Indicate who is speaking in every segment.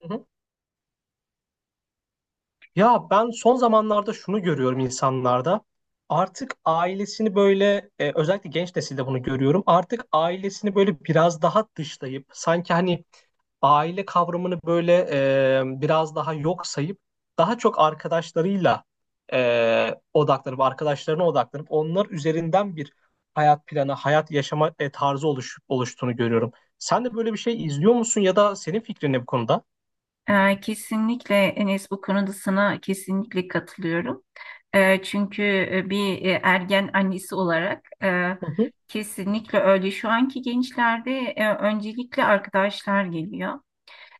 Speaker 1: Hı hı. Ya ben son zamanlarda şunu görüyorum insanlarda. Artık ailesini böyle özellikle genç nesilde bunu görüyorum. Artık ailesini böyle biraz daha dışlayıp sanki hani aile kavramını böyle biraz daha yok sayıp daha çok arkadaşlarıyla odaklanıp arkadaşlarına odaklanıp onlar üzerinden bir hayat planı, hayat yaşama tarzı oluştuğunu görüyorum. Sen de böyle bir şey izliyor musun ya da senin fikrin ne bu konuda?
Speaker 2: Kesinlikle Enes, bu konuda sana kesinlikle katılıyorum. Çünkü bir ergen annesi olarak,
Speaker 1: Hı hı.
Speaker 2: kesinlikle öyle. Şu anki gençlerde öncelikle arkadaşlar geliyor.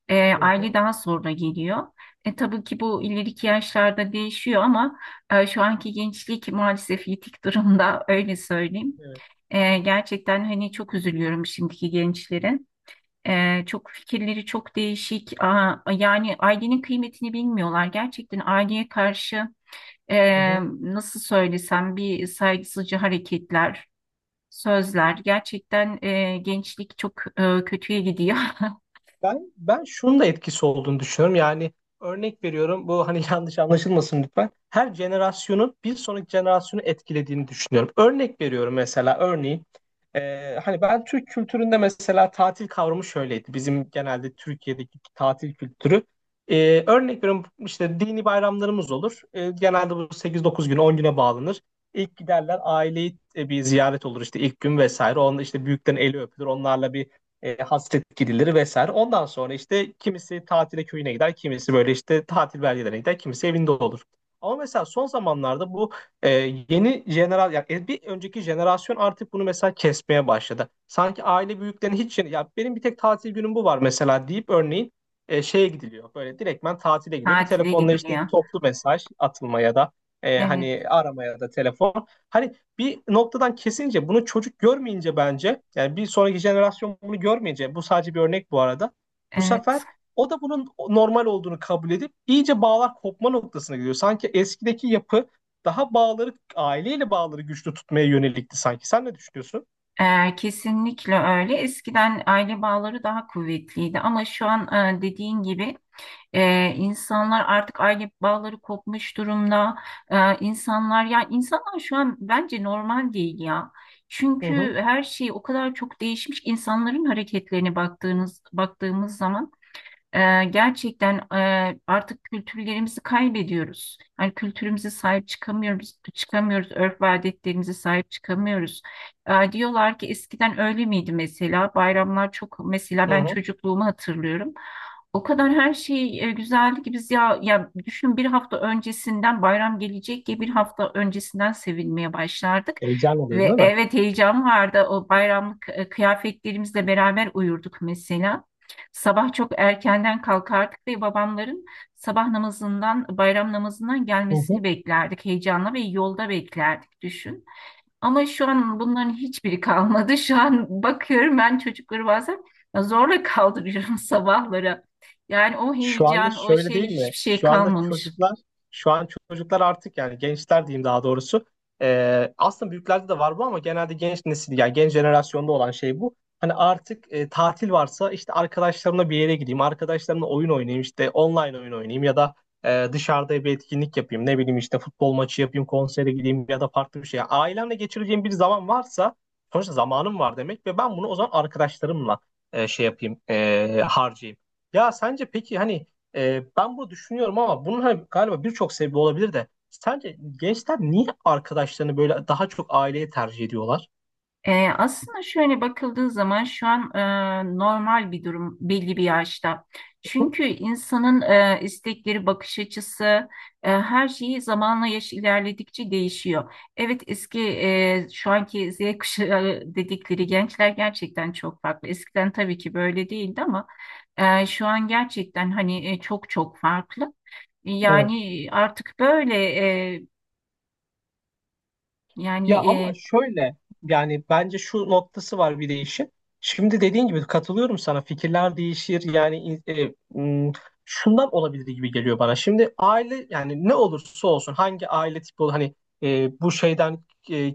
Speaker 1: Hı
Speaker 2: Aile
Speaker 1: hı.
Speaker 2: daha sonra geliyor. Tabii ki bu ileriki yaşlarda değişiyor ama şu anki gençlik maalesef yitik durumda, öyle söyleyeyim.
Speaker 1: Evet.
Speaker 2: Gerçekten hani çok üzülüyorum şimdiki gençlere. Çok fikirleri çok değişik. Yani ailenin kıymetini bilmiyorlar. Gerçekten aileye karşı e,
Speaker 1: Hı hı.
Speaker 2: nasıl söylesem, bir saygısızca hareketler, sözler. Gerçekten gençlik çok kötüye gidiyor.
Speaker 1: Ben şunun da etkisi olduğunu düşünüyorum. Yani örnek veriyorum bu hani yanlış anlaşılmasın lütfen. Her jenerasyonun bir sonraki jenerasyonu etkilediğini düşünüyorum. Örnek veriyorum mesela örneğin hani ben Türk kültüründe mesela tatil kavramı şöyleydi. Bizim genelde Türkiye'deki tatil kültürü. Örnek veriyorum işte dini bayramlarımız olur. Genelde bu sekiz dokuz gün 10 güne bağlanır. İlk giderler aileyi bir ziyaret olur işte ilk gün vesaire. Onda işte büyüklerin eli öpülür. Onlarla bir hasret gidiliri vesaire. Ondan sonra işte kimisi tatile köyüne gider, kimisi böyle işte tatil beldelerine gider, kimisi evinde olur. Ama mesela son zamanlarda bu e, yeni jeneral yani bir önceki jenerasyon artık bunu mesela kesmeye başladı. Sanki aile büyüklerinin hiç ya benim bir tek tatil günüm bu var mesela deyip örneğin şeye gidiliyor. Böyle direktmen tatile gidiyor. Bir
Speaker 2: Tatile
Speaker 1: telefonla işte
Speaker 2: gidiliyor.
Speaker 1: toplu mesaj atılmaya da
Speaker 2: Evet,
Speaker 1: hani aramaya da telefon. Hani bir noktadan kesince bunu çocuk görmeyince bence yani bir sonraki jenerasyon bunu görmeyince bu sadece bir örnek bu arada. Bu sefer
Speaker 2: evet.
Speaker 1: o da bunun normal olduğunu kabul edip iyice bağlar kopma noktasına gidiyor. Sanki eskideki yapı daha bağları aileyle bağları güçlü tutmaya yönelikti sanki. Sen ne düşünüyorsun?
Speaker 2: Kesinlikle öyle. Eskiden aile bağları daha kuvvetliydi ama şu an, dediğin gibi, insanlar artık aile bağları kopmuş durumda. İnsanlar ya insanlar şu an bence normal değil ya.
Speaker 1: Hı
Speaker 2: Çünkü
Speaker 1: hı,
Speaker 2: her şey o kadar çok değişmiş ki, insanların hareketlerine baktığımız zaman gerçekten artık kültürlerimizi kaybediyoruz. Yani kültürümüze sahip çıkamıyoruz, örf ve adetlerimize sahip çıkamıyoruz. Diyorlar ki eskiden öyle miydi mesela? Bayramlar çok, mesela
Speaker 1: hı
Speaker 2: ben
Speaker 1: hı.
Speaker 2: çocukluğumu hatırlıyorum. O kadar her şey güzeldi ki biz, ya düşün, bir hafta öncesinden bayram gelecek diye bir hafta öncesinden sevinmeye başlardık.
Speaker 1: Heyecan oluyor
Speaker 2: Ve
Speaker 1: değil mi?
Speaker 2: evet, heyecan vardı. O bayramlık kıyafetlerimizle beraber uyurduk mesela. Sabah çok erkenden kalkardık ve babamların sabah namazından, bayram namazından
Speaker 1: Hı hı.
Speaker 2: gelmesini beklerdik. Heyecanla ve yolda beklerdik, düşün. Ama şu an bunların hiçbiri kalmadı. Şu an bakıyorum, ben çocukları bazen zorla kaldırıyorum sabahlara. Yani o
Speaker 1: Şu anda
Speaker 2: heyecan, o
Speaker 1: şöyle
Speaker 2: şey,
Speaker 1: değil mi?
Speaker 2: hiçbir şey
Speaker 1: Şu anda
Speaker 2: kalmamış.
Speaker 1: çocuklar, şu an çocuklar artık yani gençler diyeyim daha doğrusu. Aslında büyüklerde de var bu ama genelde genç nesil yani genç jenerasyonda olan şey bu. Hani artık tatil varsa işte arkadaşlarımla bir yere gideyim, arkadaşlarımla oyun oynayayım işte online oyun oynayayım ya da dışarıda bir etkinlik yapayım. Ne bileyim işte futbol maçı yapayım, konsere gideyim ya da farklı bir şey. Yani ailemle geçireceğim bir zaman varsa sonuçta zamanım var demek ve ben bunu o zaman arkadaşlarımla harcayayım. Ya sence peki hani ben bunu düşünüyorum ama bunun hani galiba birçok sebebi olabilir de sence gençler niye arkadaşlarını böyle daha çok aileye tercih ediyorlar?
Speaker 2: Aslında şöyle bakıldığı zaman şu an normal bir durum belli bir yaşta. Çünkü insanın istekleri, bakış açısı, her şeyi zamanla, yaş ilerledikçe değişiyor. Evet, şu anki Z kuşağı dedikleri gençler gerçekten çok farklı. Eskiden tabii ki böyle değildi ama şu an gerçekten hani çok çok farklı.
Speaker 1: Evet.
Speaker 2: Yani artık böyle e, yani
Speaker 1: Ya ama
Speaker 2: e,
Speaker 1: şöyle yani bence şu noktası var bir de işin. Şimdi dediğin gibi katılıyorum sana fikirler değişir yani m, şundan olabilir gibi geliyor bana. Şimdi aile yani ne olursa olsun hangi aile tipi olur hani bu şeyden e,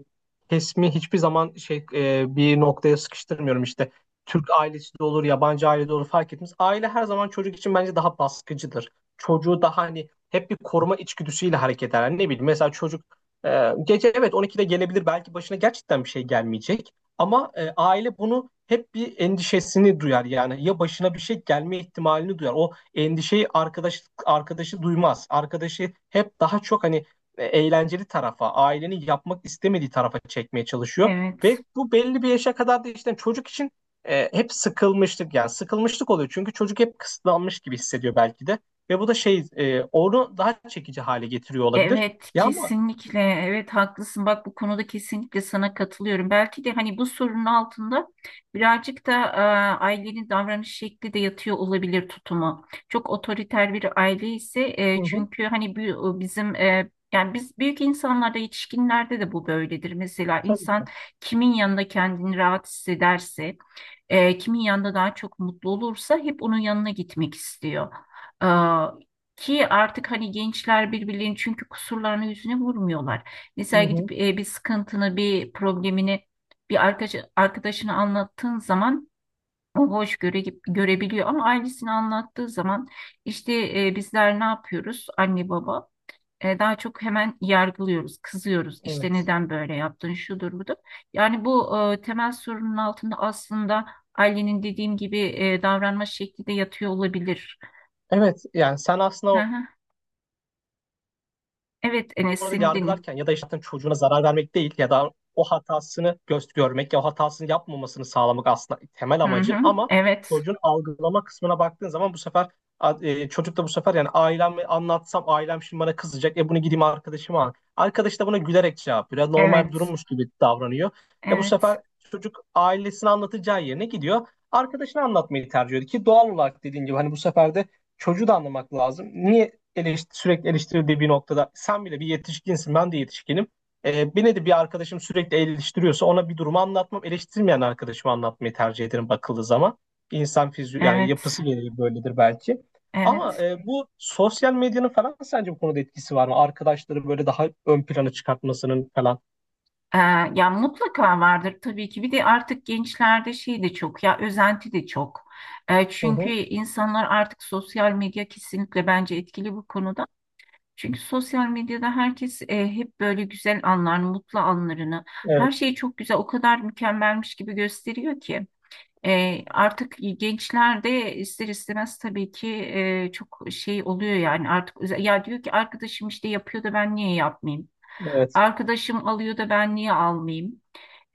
Speaker 1: kesimi hiçbir zaman şey bir noktaya sıkıştırmıyorum işte. Türk ailesi de olur yabancı aile de olur fark etmez. Aile her zaman çocuk için bence daha baskıcıdır. Çocuğu daha hani hep bir koruma içgüdüsüyle hareket eder. Yani ne bileyim mesela çocuk gece evet 12'de gelebilir belki başına gerçekten bir şey gelmeyecek ama aile bunu hep bir endişesini duyar yani ya başına bir şey gelme ihtimalini duyar. O endişeyi arkadaşı duymaz. Arkadaşı hep daha çok hani eğlenceli tarafa, ailenin yapmak istemediği tarafa çekmeye çalışıyor
Speaker 2: evet.
Speaker 1: ve bu belli bir yaşa kadar da işte çocuk için hep sıkılmışlık yani sıkılmışlık oluyor çünkü çocuk hep kısıtlanmış gibi hissediyor belki de ve bu da şey onu daha çekici hale getiriyor olabilir.
Speaker 2: Evet,
Speaker 1: Ya ama.
Speaker 2: kesinlikle. Evet, haklısın. Bak, bu konuda kesinlikle sana katılıyorum. Belki de hani bu sorunun altında birazcık da ailenin davranış şekli de yatıyor olabilir, tutumu. Çok otoriter bir aile ise,
Speaker 1: Hı hı.
Speaker 2: çünkü hani bu bizim, yani biz büyük insanlarda, yetişkinlerde de bu böyledir. Mesela insan,
Speaker 1: Tabii.
Speaker 2: kimin yanında kendini rahat hissederse, kimin yanında daha çok mutlu olursa hep onun yanına gitmek istiyor. E, Ki artık hani gençler birbirlerinin, çünkü, kusurlarını yüzüne vurmuyorlar.
Speaker 1: Hı
Speaker 2: Mesela
Speaker 1: hı.
Speaker 2: gidip bir sıkıntını, bir problemini bir arkadaşına anlattığın zaman o görebiliyor, ama ailesini anlattığı zaman işte, bizler ne yapıyoruz anne baba? Daha çok hemen yargılıyoruz, kızıyoruz. İşte
Speaker 1: Evet.
Speaker 2: neden böyle yaptın, şudur budur. Yani bu temel sorunun altında aslında ailenin, dediğim gibi, davranma şekli de yatıyor olabilir.
Speaker 1: Evet yani sen
Speaker 2: Hı
Speaker 1: aslında
Speaker 2: hı. Evet Enes,
Speaker 1: orada
Speaker 2: seni dinliyorum.
Speaker 1: yargılarken ya da işte çocuğuna zarar vermek değil ya da o hatasını göz görmek ya o hatasını yapmamasını sağlamak aslında temel
Speaker 2: Hı
Speaker 1: amacın
Speaker 2: hı.
Speaker 1: ama
Speaker 2: Evet,
Speaker 1: çocuğun algılama kısmına baktığın zaman bu sefer çocuk da bu sefer yani ailemi anlatsam ailem şimdi bana kızacak. E bunu gideyim arkadaşıma al. Arkadaş da buna gülerek cevap veriyor. Normal bir
Speaker 2: evet,
Speaker 1: durummuş gibi davranıyor. E bu
Speaker 2: evet,
Speaker 1: sefer çocuk ailesini anlatacağı yerine gidiyor. Arkadaşını anlatmayı tercih ediyor ki doğal olarak dediğin gibi hani bu sefer de çocuğu da anlamak lazım. Niye sürekli eleştirildiği bir noktada sen bile bir yetişkinsin ben de yetişkinim. Beni de bir arkadaşım sürekli eleştiriyorsa ona bir durumu anlatmam eleştirmeyen arkadaşıma anlatmayı tercih ederim bakıldığı zaman. İnsan fizyoloji yani
Speaker 2: evet,
Speaker 1: yapısı gereği böyledir belki. Ama
Speaker 2: evet.
Speaker 1: bu sosyal medyanın falan sence bu konuda etkisi var mı? Arkadaşları böyle daha ön plana çıkartmasının falan.
Speaker 2: E, Ya mutlaka vardır tabii ki. Bir de artık gençlerde şey de çok, ya özenti de çok.
Speaker 1: Hı
Speaker 2: Çünkü
Speaker 1: hı.
Speaker 2: insanlar artık sosyal medya kesinlikle bence etkili bu konuda. Çünkü sosyal medyada herkes hep böyle güzel anlar, mutlu anlarını, her
Speaker 1: Evet.
Speaker 2: şeyi çok güzel, o kadar mükemmelmiş gibi gösteriyor ki.
Speaker 1: Hı hı.
Speaker 2: Artık gençler de ister istemez tabii ki çok şey oluyor, yani artık özel-, ya diyor ki arkadaşım işte yapıyor da ben niye yapmayayım?
Speaker 1: Evet.
Speaker 2: Arkadaşım alıyor da ben niye almayayım?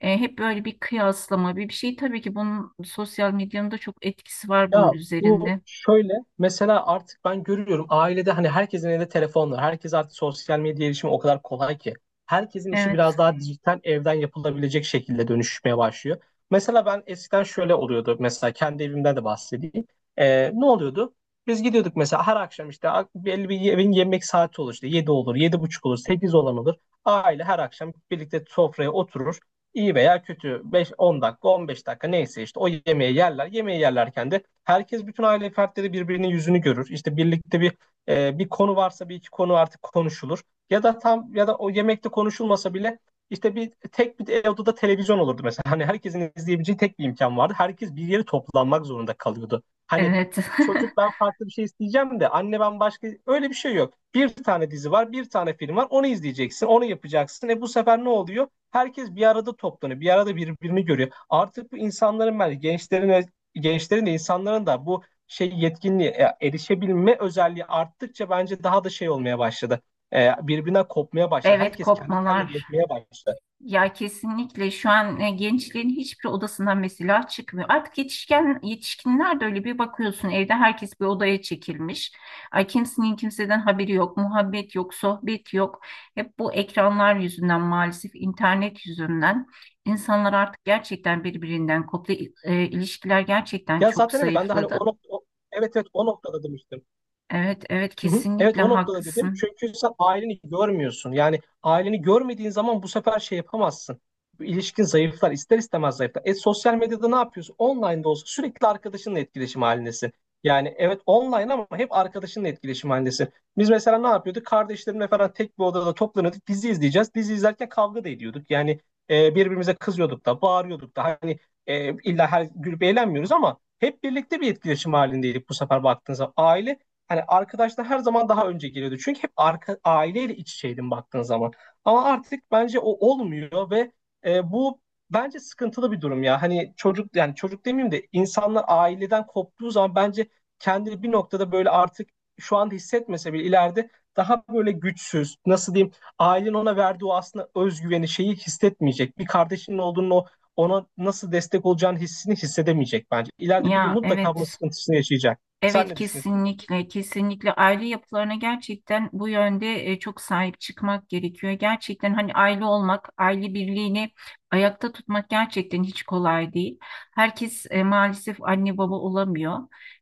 Speaker 2: Hep böyle bir kıyaslama, bir şey, tabii ki bunun, sosyal medyanın da çok etkisi var bunun
Speaker 1: Ya bu
Speaker 2: üzerinde.
Speaker 1: şöyle mesela artık ben görüyorum ailede hani herkesin elinde telefon var. Herkes artık sosyal medya erişimi o kadar kolay ki. Herkesin işi
Speaker 2: Evet,
Speaker 1: biraz daha dijital evden yapılabilecek şekilde dönüşmeye başlıyor. Mesela ben eskiden şöyle oluyordu. Mesela kendi evimden de bahsedeyim. Ne oluyordu? Biz gidiyorduk mesela her akşam işte belli bir evin yemek saati olur işte 7 olur, 7:30 olur, 8 olan olur. Aile her akşam birlikte sofraya oturur. İyi veya kötü 5-10 dakika 15 dakika neyse işte o yemeği yerler. Yemeği yerlerken de herkes bütün aile fertleri birbirinin yüzünü görür. İşte birlikte bir konu varsa bir iki konu artık konuşulur. Ya da tam ya da o yemekte konuşulmasa bile işte bir tek bir odada televizyon olurdu mesela. Hani herkesin izleyebileceği tek bir imkan vardı. Herkes bir yere toplanmak zorunda kalıyordu. Hani
Speaker 2: evet,
Speaker 1: çocuk ben farklı bir şey isteyeceğim de anne ben başka öyle bir şey yok. Bir tane dizi var, bir tane film var. Onu izleyeceksin, onu yapacaksın. E bu sefer ne oluyor? Herkes bir arada toplanıyor. Bir arada birbirini görüyor. Artık bu insanların ben gençlerin de insanların da bu şey yetkinliğe erişebilme özelliği arttıkça bence daha da şey olmaya başladı. E, birbirinden kopmaya başladı.
Speaker 2: evet,
Speaker 1: Herkes kendi kendine
Speaker 2: kopmalar.
Speaker 1: yetmeye başladı.
Speaker 2: Ya kesinlikle şu an gençlerin hiçbir odasından mesela çıkmıyor. Artık yetişkinler de öyle, bir bakıyorsun evde herkes bir odaya çekilmiş. Ay, kimsenin kimseden haberi yok, muhabbet yok, sohbet yok. Hep bu ekranlar yüzünden, maalesef internet yüzünden insanlar artık gerçekten birbirinden koptu. İlişkiler gerçekten
Speaker 1: Ya
Speaker 2: çok
Speaker 1: zaten evet ben de hani
Speaker 2: zayıfladı.
Speaker 1: o nokta, evet evet o noktada demiştim.
Speaker 2: Evet, evet,
Speaker 1: Hı hı. Evet
Speaker 2: kesinlikle
Speaker 1: o noktada dedim.
Speaker 2: haklısın.
Speaker 1: Çünkü sen aileni görmüyorsun. Yani aileni görmediğin zaman bu sefer şey yapamazsın. Bu İlişkin zayıflar, ister istemez zayıflar. E sosyal medyada ne yapıyorsun? Online'da olsa sürekli arkadaşınla etkileşim halindesin. Yani evet online ama hep arkadaşınla etkileşim halindesin. Biz mesela ne yapıyorduk? Kardeşlerimle falan tek bir odada toplanıyorduk. Dizi izleyeceğiz. Dizi izlerken kavga da ediyorduk. Yani birbirimize kızıyorduk da, bağırıyorduk da. Hani illa her gülüp eğlenmiyoruz ama hep birlikte bir etkileşim halindeydik bu sefer baktığınız zaman. Hani arkadaşlar her zaman daha önce geliyordu. Çünkü hep aileyle iç içeydim baktığın zaman. Ama artık bence o olmuyor ve bu bence sıkıntılı bir durum ya. Hani çocuk yani çocuk demeyeyim de insanlar aileden koptuğu zaman bence kendini bir noktada böyle artık şu anda hissetmese bile ileride daha böyle güçsüz, nasıl diyeyim, ailenin ona verdiği o aslında özgüveni şeyi hissetmeyecek. Bir kardeşinin olduğunu ona nasıl destek olacağını hissini hissedemeyecek bence. İleride bir gün
Speaker 2: Ya
Speaker 1: mutlaka bunun
Speaker 2: evet.
Speaker 1: sıkıntısını yaşayacak. Sen
Speaker 2: Evet
Speaker 1: ne düşünüyorsun?
Speaker 2: kesinlikle, kesinlikle aile yapılarına gerçekten bu yönde çok sahip çıkmak gerekiyor. Gerçekten hani aile olmak, aile birliğini ayakta tutmak gerçekten hiç kolay değil. Herkes maalesef anne baba olamıyor.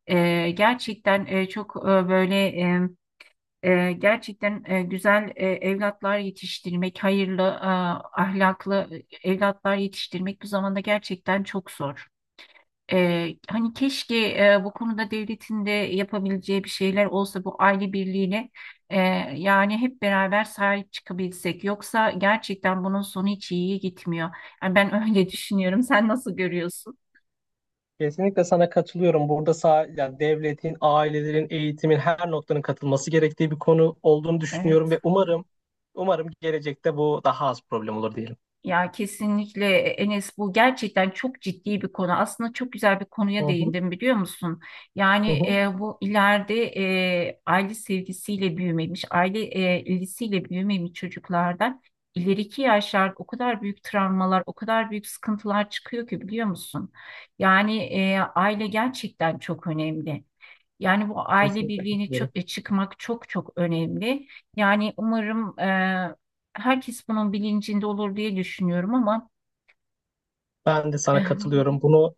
Speaker 2: Gerçekten çok böyle gerçekten güzel evlatlar yetiştirmek, hayırlı, ahlaklı evlatlar yetiştirmek bu zamanda gerçekten çok zor. Hani keşke bu konuda devletin de yapabileceği bir şeyler olsa, bu aile birliğine e, yani hep beraber sahip çıkabilsek. Yoksa gerçekten bunun sonu hiç iyiye gitmiyor. Yani ben öyle düşünüyorum. Sen nasıl görüyorsun?
Speaker 1: Kesinlikle sana katılıyorum. Burada yani devletin, ailelerin, eğitimin her noktanın katılması gerektiği bir konu olduğunu düşünüyorum
Speaker 2: Evet.
Speaker 1: ve umarım gelecekte bu daha az problem olur diyelim.
Speaker 2: Ya kesinlikle Enes, bu gerçekten çok ciddi bir konu. Aslında çok güzel bir
Speaker 1: Hı
Speaker 2: konuya
Speaker 1: hı,
Speaker 2: değindim, biliyor musun?
Speaker 1: hı
Speaker 2: Yani
Speaker 1: hı.
Speaker 2: bu ileride aile sevgisiyle büyümemiş, aile ilgisiyle büyümemiş çocuklardan ileriki yaşlarda o kadar büyük travmalar, o kadar büyük sıkıntılar çıkıyor ki, biliyor musun? Yani aile gerçekten çok önemli. Yani bu aile
Speaker 1: Kesinlikle
Speaker 2: birliğini
Speaker 1: katılıyorum.
Speaker 2: çıkmak çok çok önemli. Yani umarım herkes bunun bilincinde olur diye düşünüyorum, ama
Speaker 1: Ben de sana katılıyorum. Bunu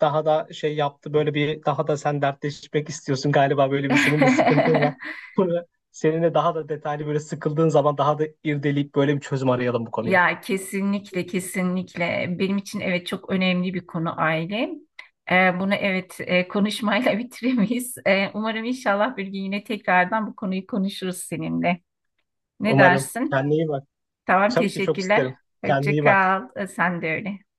Speaker 1: daha da şey yaptı böyle bir daha da sen dertleşmek istiyorsun galiba böyle bir senin de sıkıntın var. Bunu seninle daha da detaylı böyle sıkıldığın zaman daha da irdeleyip böyle bir çözüm arayalım bu konuya.
Speaker 2: ya kesinlikle, kesinlikle benim için evet, çok önemli bir konu aile. Bunu, evet, konuşmayla bitiremeyiz. Umarım inşallah bir gün yine tekrardan bu konuyu konuşuruz seninle. Ne
Speaker 1: Umarım.
Speaker 2: dersin?
Speaker 1: Kendine iyi bak.
Speaker 2: Tamam,
Speaker 1: Tabii ki çok
Speaker 2: teşekkürler.
Speaker 1: isterim. Kendine
Speaker 2: Hoşça
Speaker 1: iyi bak.
Speaker 2: kal. Sen de öyle.